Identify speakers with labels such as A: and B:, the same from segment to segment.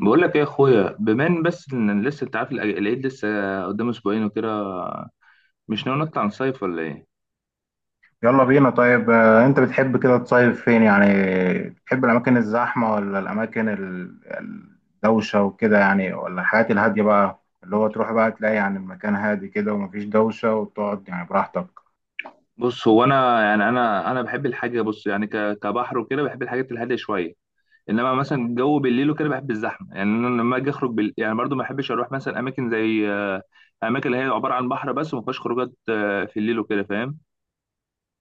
A: بقول لك ايه يا اخويا، بما ان بس ان لسه انت عارف، العيد لسه قدام اسبوعين وكده. مش ناوي نطلع نصيف ولا ايه؟
B: يلا بينا طيب، انت بتحب كده تصيف فين يعني؟ بتحب الاماكن الزحمه ولا الاماكن الدوشه وكده يعني، ولا الحاجات الهاديه بقى، اللي هو تروح بقى تلاقي يعني المكان هادي كده ومفيش دوشه، وتقعد يعني براحتك.
A: بص، هو انا يعني انا بحب الحاجه، بص، يعني كبحر وكده، بحب الحاجات الهاديه شويه. انما مثلا الجو بالليل وكده بحب الزحمه، يعني انا لما اجي اخرج بال... يعني برضو ما بحبش اروح مثلا اماكن زي اماكن اللي هي عباره عن بحر بس وما فيهاش خروجات في الليل وكده، فاهم؟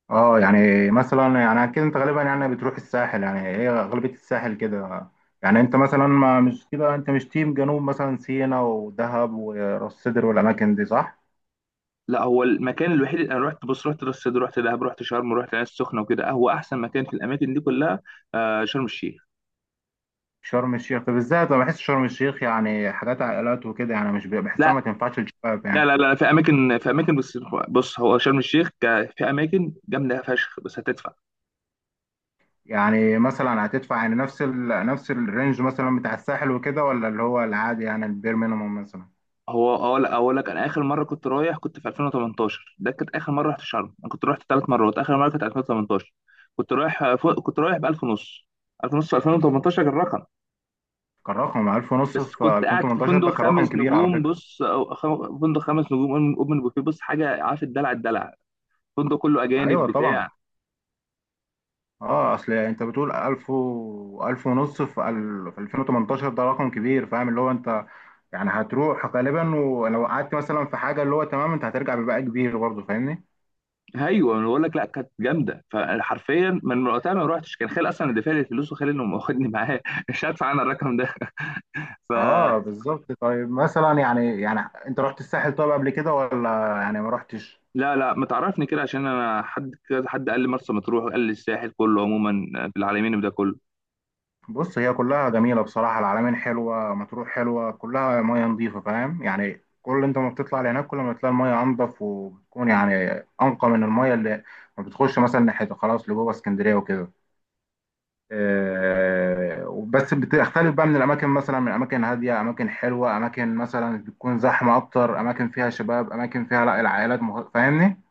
B: اه، يعني مثلا يعني اكيد انت غالبا يعني بتروح الساحل، يعني هي غالبيه الساحل كده. يعني انت مثلا ما مش كده، انت مش تيم جنوب، مثلا سينا ودهب وراس سدر والاماكن دي، صح؟
A: لا، هو المكان الوحيد اللي انا رحت، بص، رحت راس سدر، رحت دهب، رحت شرم، رحت العين السخنه وكده، هو احسن مكان في الاماكن دي كلها شرم الشيخ.
B: شرم الشيخ بالذات انا بحس شرم الشيخ يعني حاجات عائلات وكده، يعني مش بحسها
A: لا
B: ما تنفعش للشباب
A: لا
B: يعني.
A: لا لا، في اماكن بس. بص هو شرم الشيخ، في اماكن جامده فشخ، بس هتدفع.
B: يعني مثلا هتدفع يعني نفس الرينج مثلا بتاع الساحل وكده، ولا اللي هو العادي يعني البير مينيموم مثلا؟
A: هو اقول لك، انا اخر مره كنت رايح كنت في 2018، ده كانت اخر مره رحت شرم، انا كنت رحت 3 مرات، اخر مره كانت 2018. كنت رايح فوق، كنت رايح ب 1000 ونص. 1000 ونص في 2018 كان رقم.
B: كان رقم 1000 ونص
A: بس
B: في
A: كنت قاعد في
B: 2018،
A: فندق
B: ده كان
A: خمس
B: رقم كبير على
A: نجوم
B: فكرة.
A: بص، فندق خمس نجوم، اوبن أوبن بوفيه، بص حاجه، عارف، الدلع الدلع، فندق كله اجانب
B: ايوه طبعا.
A: بتاع.
B: اه، اصل انت بتقول 1000 و 1000 ونص في في 2018، ده رقم كبير، فاهم؟ اللي هو انت يعني هتروح غالبا، ولو قعدت مثلا في حاجة اللي هو تمام انت هترجع بباقي كبير برضه، فاهمني؟
A: ايوه انا بقول لك، لا كانت جامده فحرفيا من وقتها ما روحتش، كان خالي اصلا اللي دافع لي الفلوس، وخالي اللي واخدني معاه مش هدفع انا الرقم ده. ف...
B: اه بالظبط. طيب مثلا يعني انت رحت الساحل طيب قبل كده ولا يعني ما رحتش؟
A: لا لا، ما تعرفني كده، عشان انا حد كذا حد قال لي مرسى مطروح، وقال لي الساحل كله عموما في العالمين ده كله.
B: بص هي كلها جميله بصراحه، العلمين حلوه، مطروح حلوه، كلها ميه نظيفه فاهم، يعني كل انت ما بتطلع لهناك كل ما تلاقي الميه انضف، وبتكون يعني انقى من الميه اللي ما بتخش مثلا ناحيه، خلاص لجوه اسكندريه وكده. آه بس بتختلف بقى من الاماكن، مثلا من اماكن هاديه، اماكن حلوه، اماكن مثلا بتكون زحمه اكتر، اماكن فيها شباب، اماكن فيها لا العائلات فاهمني؟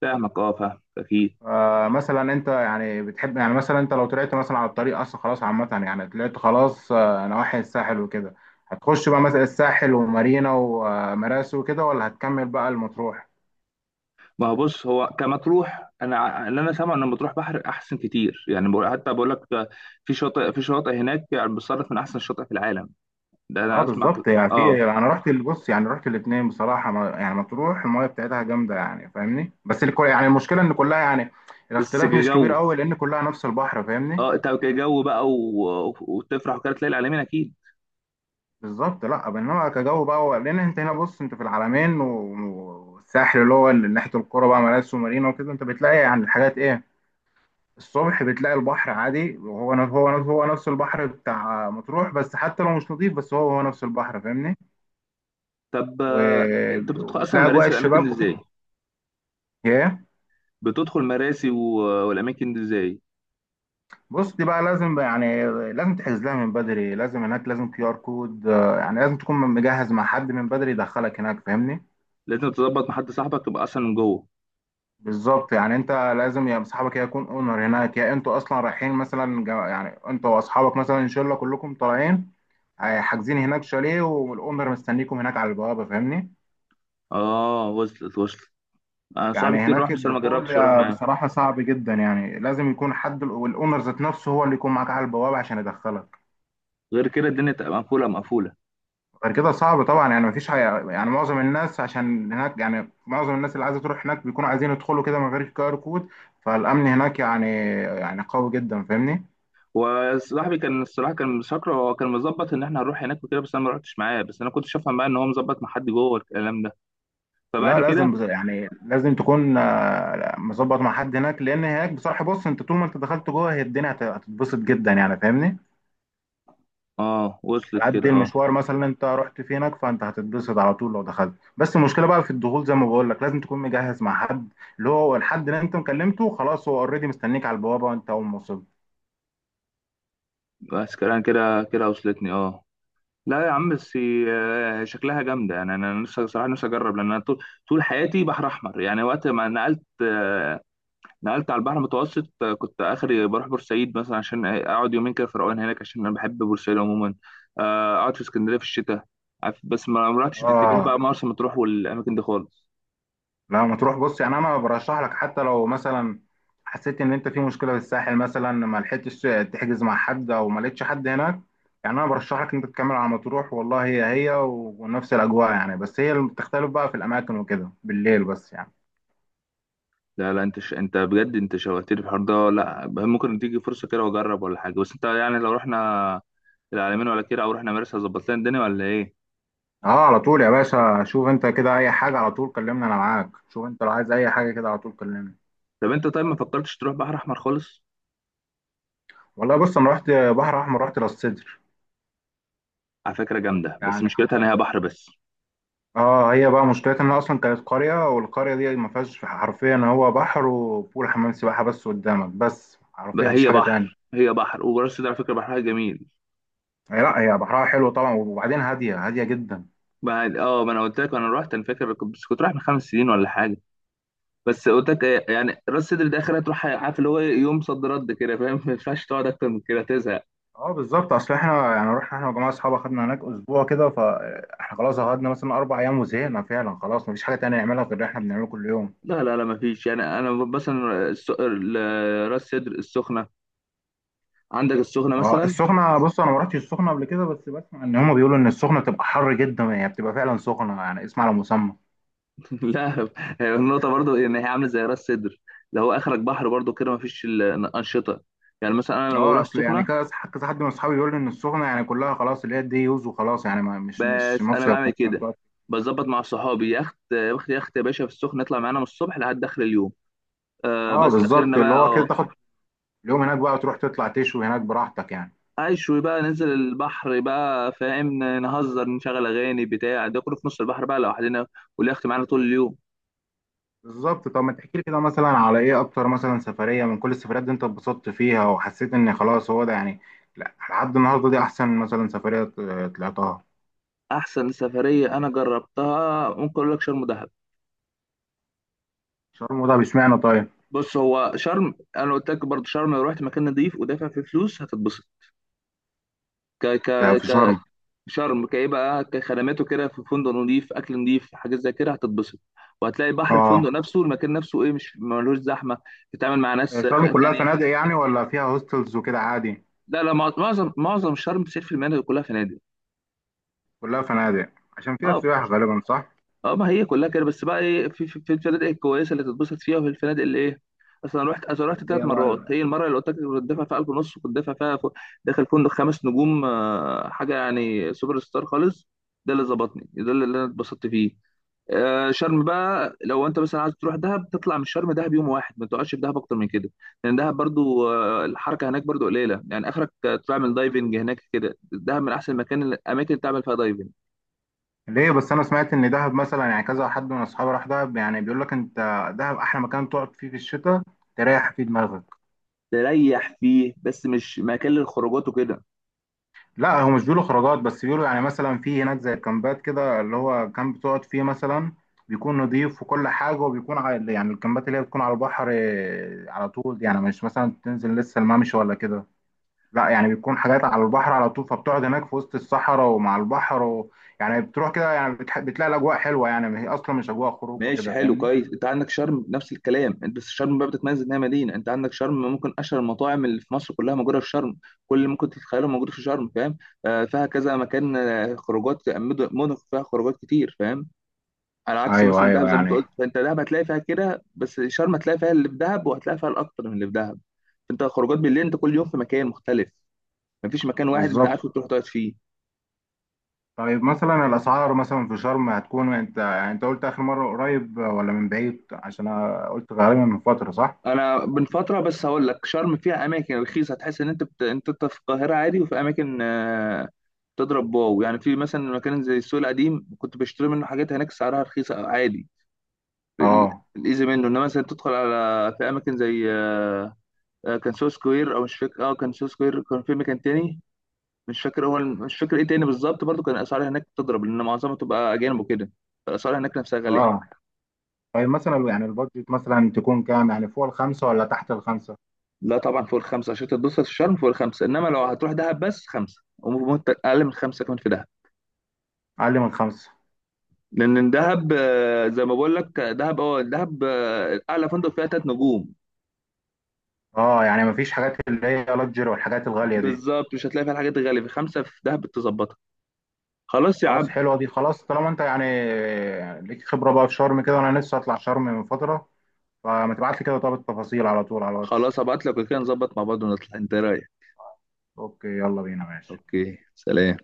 A: فاهمك، اه، فاهمك اكيد.
B: مثلا انت يعني بتحب، يعني مثلا انت لو طلعت مثلا على الطريق اصلا خلاص عامة، يعني طلعت خلاص نواحي الساحل وكده، هتخش بقى مثلا الساحل ومارينا ومراسي وكده، ولا هتكمل بقى المطروح؟
A: ما هو بص، هو كمطروح، انا اللي انا سامع ان مطروح بحر احسن كتير، يعني حتى بقول لك ده، في شاطئ هناك يعني بتصنف من احسن الشاطئ في العالم، ده
B: اه
A: انا اسمع كده،
B: بالظبط. يعني
A: اه.
B: في انا بص يعني رحت الاثنين بصراحة، ما يعني مطروح المايه بتاعتها جامدة يعني، فاهمني؟ بس الكل يعني المشكلة ان كلها يعني
A: بس
B: الاختلاف مش
A: جو،
B: كبير قوي، لان كلها نفس البحر، فاهمني؟
A: اه، انت جو بقى وتفرح وكده تلاقي العالمين اكيد.
B: بالظبط. لا انما كجو بقى لان انت هنا بص، انت في العلمين والساحل اللي هو اللي ناحيه القرى بقى، مراسي ومارينا وكده، انت بتلاقي يعني الحاجات ايه. الصبح بتلاقي البحر عادي وهو ن- هو ن- هو نفس البحر بتاع مطروح، بس حتى لو مش نظيف بس هو نفس البحر، فاهمني.
A: طب انت بتدخل اصلا
B: وبتلاقي
A: مراسي
B: اجواء
A: في الاماكن دي
B: الشباب
A: ازاي؟
B: وكده. ايه.
A: بتدخل مراسي والاماكن دي ازاي؟
B: بص دي بقى لازم بقى يعني، لازم تحجز لها من بدري، لازم هناك لازم QR كود، يعني لازم تكون مجهز مع حد من بدري يدخلك هناك، فاهمني.
A: لازم تظبط مع حد، صاحبك تبقى اصلا من جوه.
B: بالظبط، يعني انت لازم يا صاحبك يا يكون اونر هناك، يا انتوا اصلا رايحين مثلا يعني انتوا واصحابك مثلا ان شاء الله كلكم طالعين، حاجزين هناك شاليه، والاونر مستنيكم هناك على البوابه، فاهمني.
A: اه، وصلت. انا
B: يعني
A: صاحبي كتير
B: هناك
A: راح، بس انا ما
B: الدخول
A: جربتش اروح معاه.
B: بصراحه صعب جدا، يعني لازم يكون حد والاونر ذات نفسه هو اللي يكون معاك على البوابه عشان يدخلك.
A: غير كده الدنيا تبقى مقفوله مقفوله.
B: غير كده صعب طبعا، يعني مفيش حاجة، يعني معظم الناس عشان هناك، يعني معظم الناس اللي عايزه تروح هناك بيكونوا عايزين يدخلوا كده من غير كار كود، فالامن هناك يعني، يعني قوي جدا، فاهمني.
A: وصاحبي كان الصراحه كان مسكر، هو كان مظبط ان احنا هنروح هناك وكده، بس انا ما رحتش معاه، بس انا كنت شايفها بقى ان هو مظبط مع حد جوه الكلام ده. فبعد
B: لا لازم
A: كده،
B: يعني لازم تكون مظبط مع حد هناك، لان هناك بصراحه بص، انت طول ما انت دخلت جوه هي الدنيا هتتبسط جدا يعني، فاهمني.
A: اه وصلت
B: على قد
A: كده، اه.
B: المشوار مثلا انت رحت في هناك، فانت هتتبسط على طول لو دخلت، بس المشكله بقى في الدخول زي ما بقول لك لازم تكون مجهز مع حد، اللي هو الحد اللي انت مكلمته خلاص هو اوريدي مستنيك على البوابه وانت اول ما وصلت.
A: بس كده كده كده وصلتني، اه. لا يا عم، بس شكلها جامده، يعني انا نفسي صراحه، نفسي اجرب، لان انا طول حياتي بحر احمر، يعني وقت ما نقلت، نقلت على البحر المتوسط، كنت اخري بروح بورسعيد مثلا عشان اقعد يومين كده في روقان هناك، عشان انا بحب بورسعيد عموما، اقعد في اسكندريه في الشتاء، عارف، بس ما رحتش اتجاه
B: اه
A: بقى مرسى مطروح والاماكن دي خالص.
B: لا ما تروح، بص يعني انا برشح لك، حتى لو مثلا حسيت ان انت في مشكله في الساحل مثلا، ما لحقتش تحجز مع حد او ما لقيتش حد هناك، يعني انا برشح لك ان انت تكمل على مطروح، والله هي و- ونفس الاجواء يعني، بس هي اللي بتختلف بقى في الاماكن وكده بالليل بس يعني.
A: لا لا، انت بجد انت شوقتني في الحوار ده. لا، ممكن تيجي فرصه كده واجرب ولا حاجه، بس انت يعني لو رحنا العلمين ولا كده، او رحنا مرسى، ظبط لنا الدنيا ولا ايه؟
B: اه، على طول يا باشا، شوف انت كده اي حاجه على طول كلمني انا معاك، شوف انت لو عايز اي حاجه كده على طول كلمني.
A: طب انت، طيب، ما فكرتش تروح بحر احمر خالص؟
B: والله بص انا رحت بحر احمر، رحت راس سدر
A: على فكره جامده، بس
B: يعني.
A: مشكلتها ان هي بحر بس.
B: اه هي بقى مشكلتها انها اصلا كانت قريه، والقريه دي ما فيهاش حرفيا، هو بحر وبول حمام سباحه بس قدامك بس، حرفيا
A: بقى
B: مفيش
A: هي
B: حاجه
A: بحر،
B: تانية.
A: هي بحر، وراس سدر على فكره بحرها جميل.
B: هي لا، هي بحرها حلو طبعا، وبعدين هاديه هاديه جدا.
A: بعد ما انا قلت لك انا رحت، انا فاكر بس كنت رايح من 5 سنين ولا حاجه. بس قلت لك ايه، يعني راس سدر ده اخرها تروح، عارف، اللي هو يوم صد رد كده فاهم ما ينفعش تقعد اكتر من كده، تزهق.
B: اه بالظبط، اصل احنا يعني رحنا احنا وجماعه اصحاب، اخدنا هناك اسبوع كده، فاحنا خلاص قعدنا مثلا اربع ايام وزهقنا فعلا، خلاص مفيش حاجه تانية نعملها غير اللي احنا بنعمله كل يوم.
A: لا لا لا، ما فيش، يعني انا مثلا، راس سدر، السخنه، عندك السخنه
B: اه
A: مثلا.
B: السخنه، بص انا ما رحتش السخنه قبل كده، بس بسمع ان هم بيقولوا ان السخنه بتبقى حر جدا، يعني بتبقى فعلا سخنه، يعني اسمع على مسمى.
A: لا، هي النقطة برضو إن هي عاملة زي راس سدر. ده هو آخرك بحر برضو كده، مفيش الأنشطة. يعني مثلا أنا لما
B: اه
A: بروح
B: اصل يعني
A: السخنة،
B: كذا كذا حد من اصحابي بيقول لي ان السخنه يعني كلها خلاص اللي هي دي يوز وخلاص، يعني ما مش
A: بس أنا
B: مصيف
A: بعمل
B: مثلا
A: كده،
B: تقعد.
A: بظبط مع صحابي، يخت يخت يخت يا باشا، في السخنة يطلع معانا من الصبح لحد آخر اليوم.
B: اه
A: بس
B: بالظبط،
A: آخرنا
B: اللي
A: بقى،
B: هو كده
A: أه،
B: تاخد اليوم هناك بقى وتروح تطلع تشوي هناك براحتك يعني.
A: أشوي بقى ننزل البحر بقى، فاهم، نهزر، نشغل أغاني بتاع ده كله في نص البحر بقى لوحدنا، واليخت معانا طول اليوم.
B: بالظبط. طب ما تحكي لي كده مثلا على ايه اكتر مثلا سفريه من كل السفريات دي انت اتبسطت فيها وحسيت ان خلاص هو ده يعني، لا لحد النهارده دي احسن مثلا سفريه طلعتها؟
A: أحسن سفرية أنا جربتها، ممكن أقول لك شرم.
B: شرم، ده اشمعنى طيب؟
A: بص هو شرم، انا قلت لك برضه شرم لو رحت مكان نظيف ودافع فيه فلوس هتتبسط. ك ك
B: ده في
A: ك
B: شرم.
A: شرم كايه بقى، كخدماته كده، في فندق نظيف، اكل نظيف، حاجات زي كده، هتتبسط. وهتلاقي بحر
B: اه.
A: الفندق نفسه، المكان نفسه، ايه، مش ملوش زحمه، تتعامل مع
B: آه،
A: ناس
B: شرم
A: فئه
B: كلها
A: تانيه.
B: فنادق يعني، ولا فيها هوستلز وكده عادي؟
A: لا لا، معظم شرم 90% من المناطق كلها فنادق.
B: كلها فنادق، عشان فيها
A: اه،
B: سياح غالبا، صح؟
A: اه، ما هي كلها كده، بس بقى ايه، في الفنادق الكويسه اللي تتبسط فيها، وفي الفنادق اللي ايه. اصل انا رحت اصل رحت
B: اللي
A: ثلاث
B: هي
A: مرات،
B: بقى.
A: هي المره اللي قلت لك كنت دافع فيها 1000 ونص، كنت دافع فيها فوق، داخل فندق خمس نجوم، حاجه يعني سوبر ستار خالص، ده اللي ظبطني، ده اللي انا اتبسطت فيه. شرم بقى لو انت مثلا عايز تروح دهب، تطلع من شرم دهب يوم واحد، ما تقعدش في دهب اكتر من كده، لان دهب برضو، الحركه هناك برضو قليله، يعني اخرك تعمل دايفنج هناك كده، دهب من احسن الاماكن اللي تعمل فيها دايفنج.
B: ليه بس، انا سمعت ان دهب مثلا، يعني كذا حد من اصحابي راح دهب يعني بيقول لك انت دهب احلى مكان تقعد فيه في الشتاء، تريح فيه دماغك.
A: تريح فيه، بس مش مكان للخروجات وكده.
B: لا هو مش بيقولوا خروجات، بس بيقولوا يعني مثلا في هناك زي الكامبات كده، اللي هو كامب بتقعد فيه مثلا بيكون نضيف وكل حاجه، وبيكون على يعني الكامبات اللي هي بتكون على البحر على طول، يعني مش مثلا تنزل لسه الممشى ولا كده، لا يعني بيكون حاجات على البحر على طول، فبتقعد هناك في وسط الصحراء ومع البحر يعني بتروح كده، يعني بتلاقي الاجواء حلوه، يعني هي اصلا مش اجواء خروج
A: ماشي،
B: وكده،
A: حلو،
B: فاهمني.
A: كويس. انت عندك شرم نفس الكلام، انت بس شرم بقى بتتميز انها مدينه، انت عندك شرم ممكن اشهر المطاعم اللي في مصر كلها موجوده في شرم، كل اللي ممكن تتخيله موجود في شرم، فاهم. فيها كذا مكان، خروجات، مدن فيها خروجات كتير، فاهم. على عكس
B: ايوه
A: مثلا دهب،
B: ايوه،
A: زي ما انت
B: يعني.
A: قلت، فانت دهب هتلاقي فيها كده بس، شرم هتلاقي فيها اللي في دهب، وهتلاقي فيها الاكتر من اللي في دهب. انت خروجات بالليل انت كل يوم في مكان مختلف، مفيش مكان واحد انت
B: بالظبط.
A: عارفه تروح تقعد فيه.
B: طيب مثلا الاسعار مثلا في شرم هتكون، انت يعني انت قلت اخر مره قريب ولا من بعيد؟ عشان انا قلت غالبا من فتره، صح؟
A: انا من فتره، بس هقول لك شرم فيها اماكن رخيصه هتحس ان انت انت في القاهره عادي، وفي اماكن تضرب واو، يعني في مثلا مكان زي السوق القديم كنت بشتري منه حاجات هناك سعرها رخيصه عادي، ال-
B: اه.
A: الايزي منه. انما مثلا تدخل على في اماكن زي كان سو سكوير، او مش فاكر، اه، كان سو سكوير، كان في مكان تاني مش فاكر، هو مش فاكر ايه تاني بالظبط، برضو كان الاسعار هناك تضرب لان معظمها تبقى اجانب وكده، فالاسعار هناك نفسها غاليه.
B: اه طيب مثلا يعني البادجت مثلا تكون كام؟ يعني فوق الخمسه ولا تحت الخمسه؟
A: لا طبعا فوق الخمسة عشان تتبسط في الشرم فوق الخمسة، إنما لو هتروح دهب بس خمسة، وممكن أقل من خمسة كمان في دهب.
B: اقل من خمسه؟
A: لأن دهب، زي ما بقول لك، دهب أعلى فندق فيها 3 نجوم.
B: اه يعني مفيش حاجات اللي هي لاكجري والحاجات الغاليه دي.
A: بالظبط، مش هتلاقي فيها الحاجات الغالية، في خمسة في دهب تظبطها. خلاص يا
B: خلاص
A: عم.
B: حلوه دي، خلاص طالما انت يعني ليك خبره بقى في شرم كده، وانا لسه اطلع شرم من فتره، فما تبعت لي كده طب التفاصيل على طول على الواتس.
A: خلاص هبعت لك وكده نظبط مع بعض ونطلع. أنت رايح.
B: اوكي يلا بينا ماشي.
A: أوكي سلام.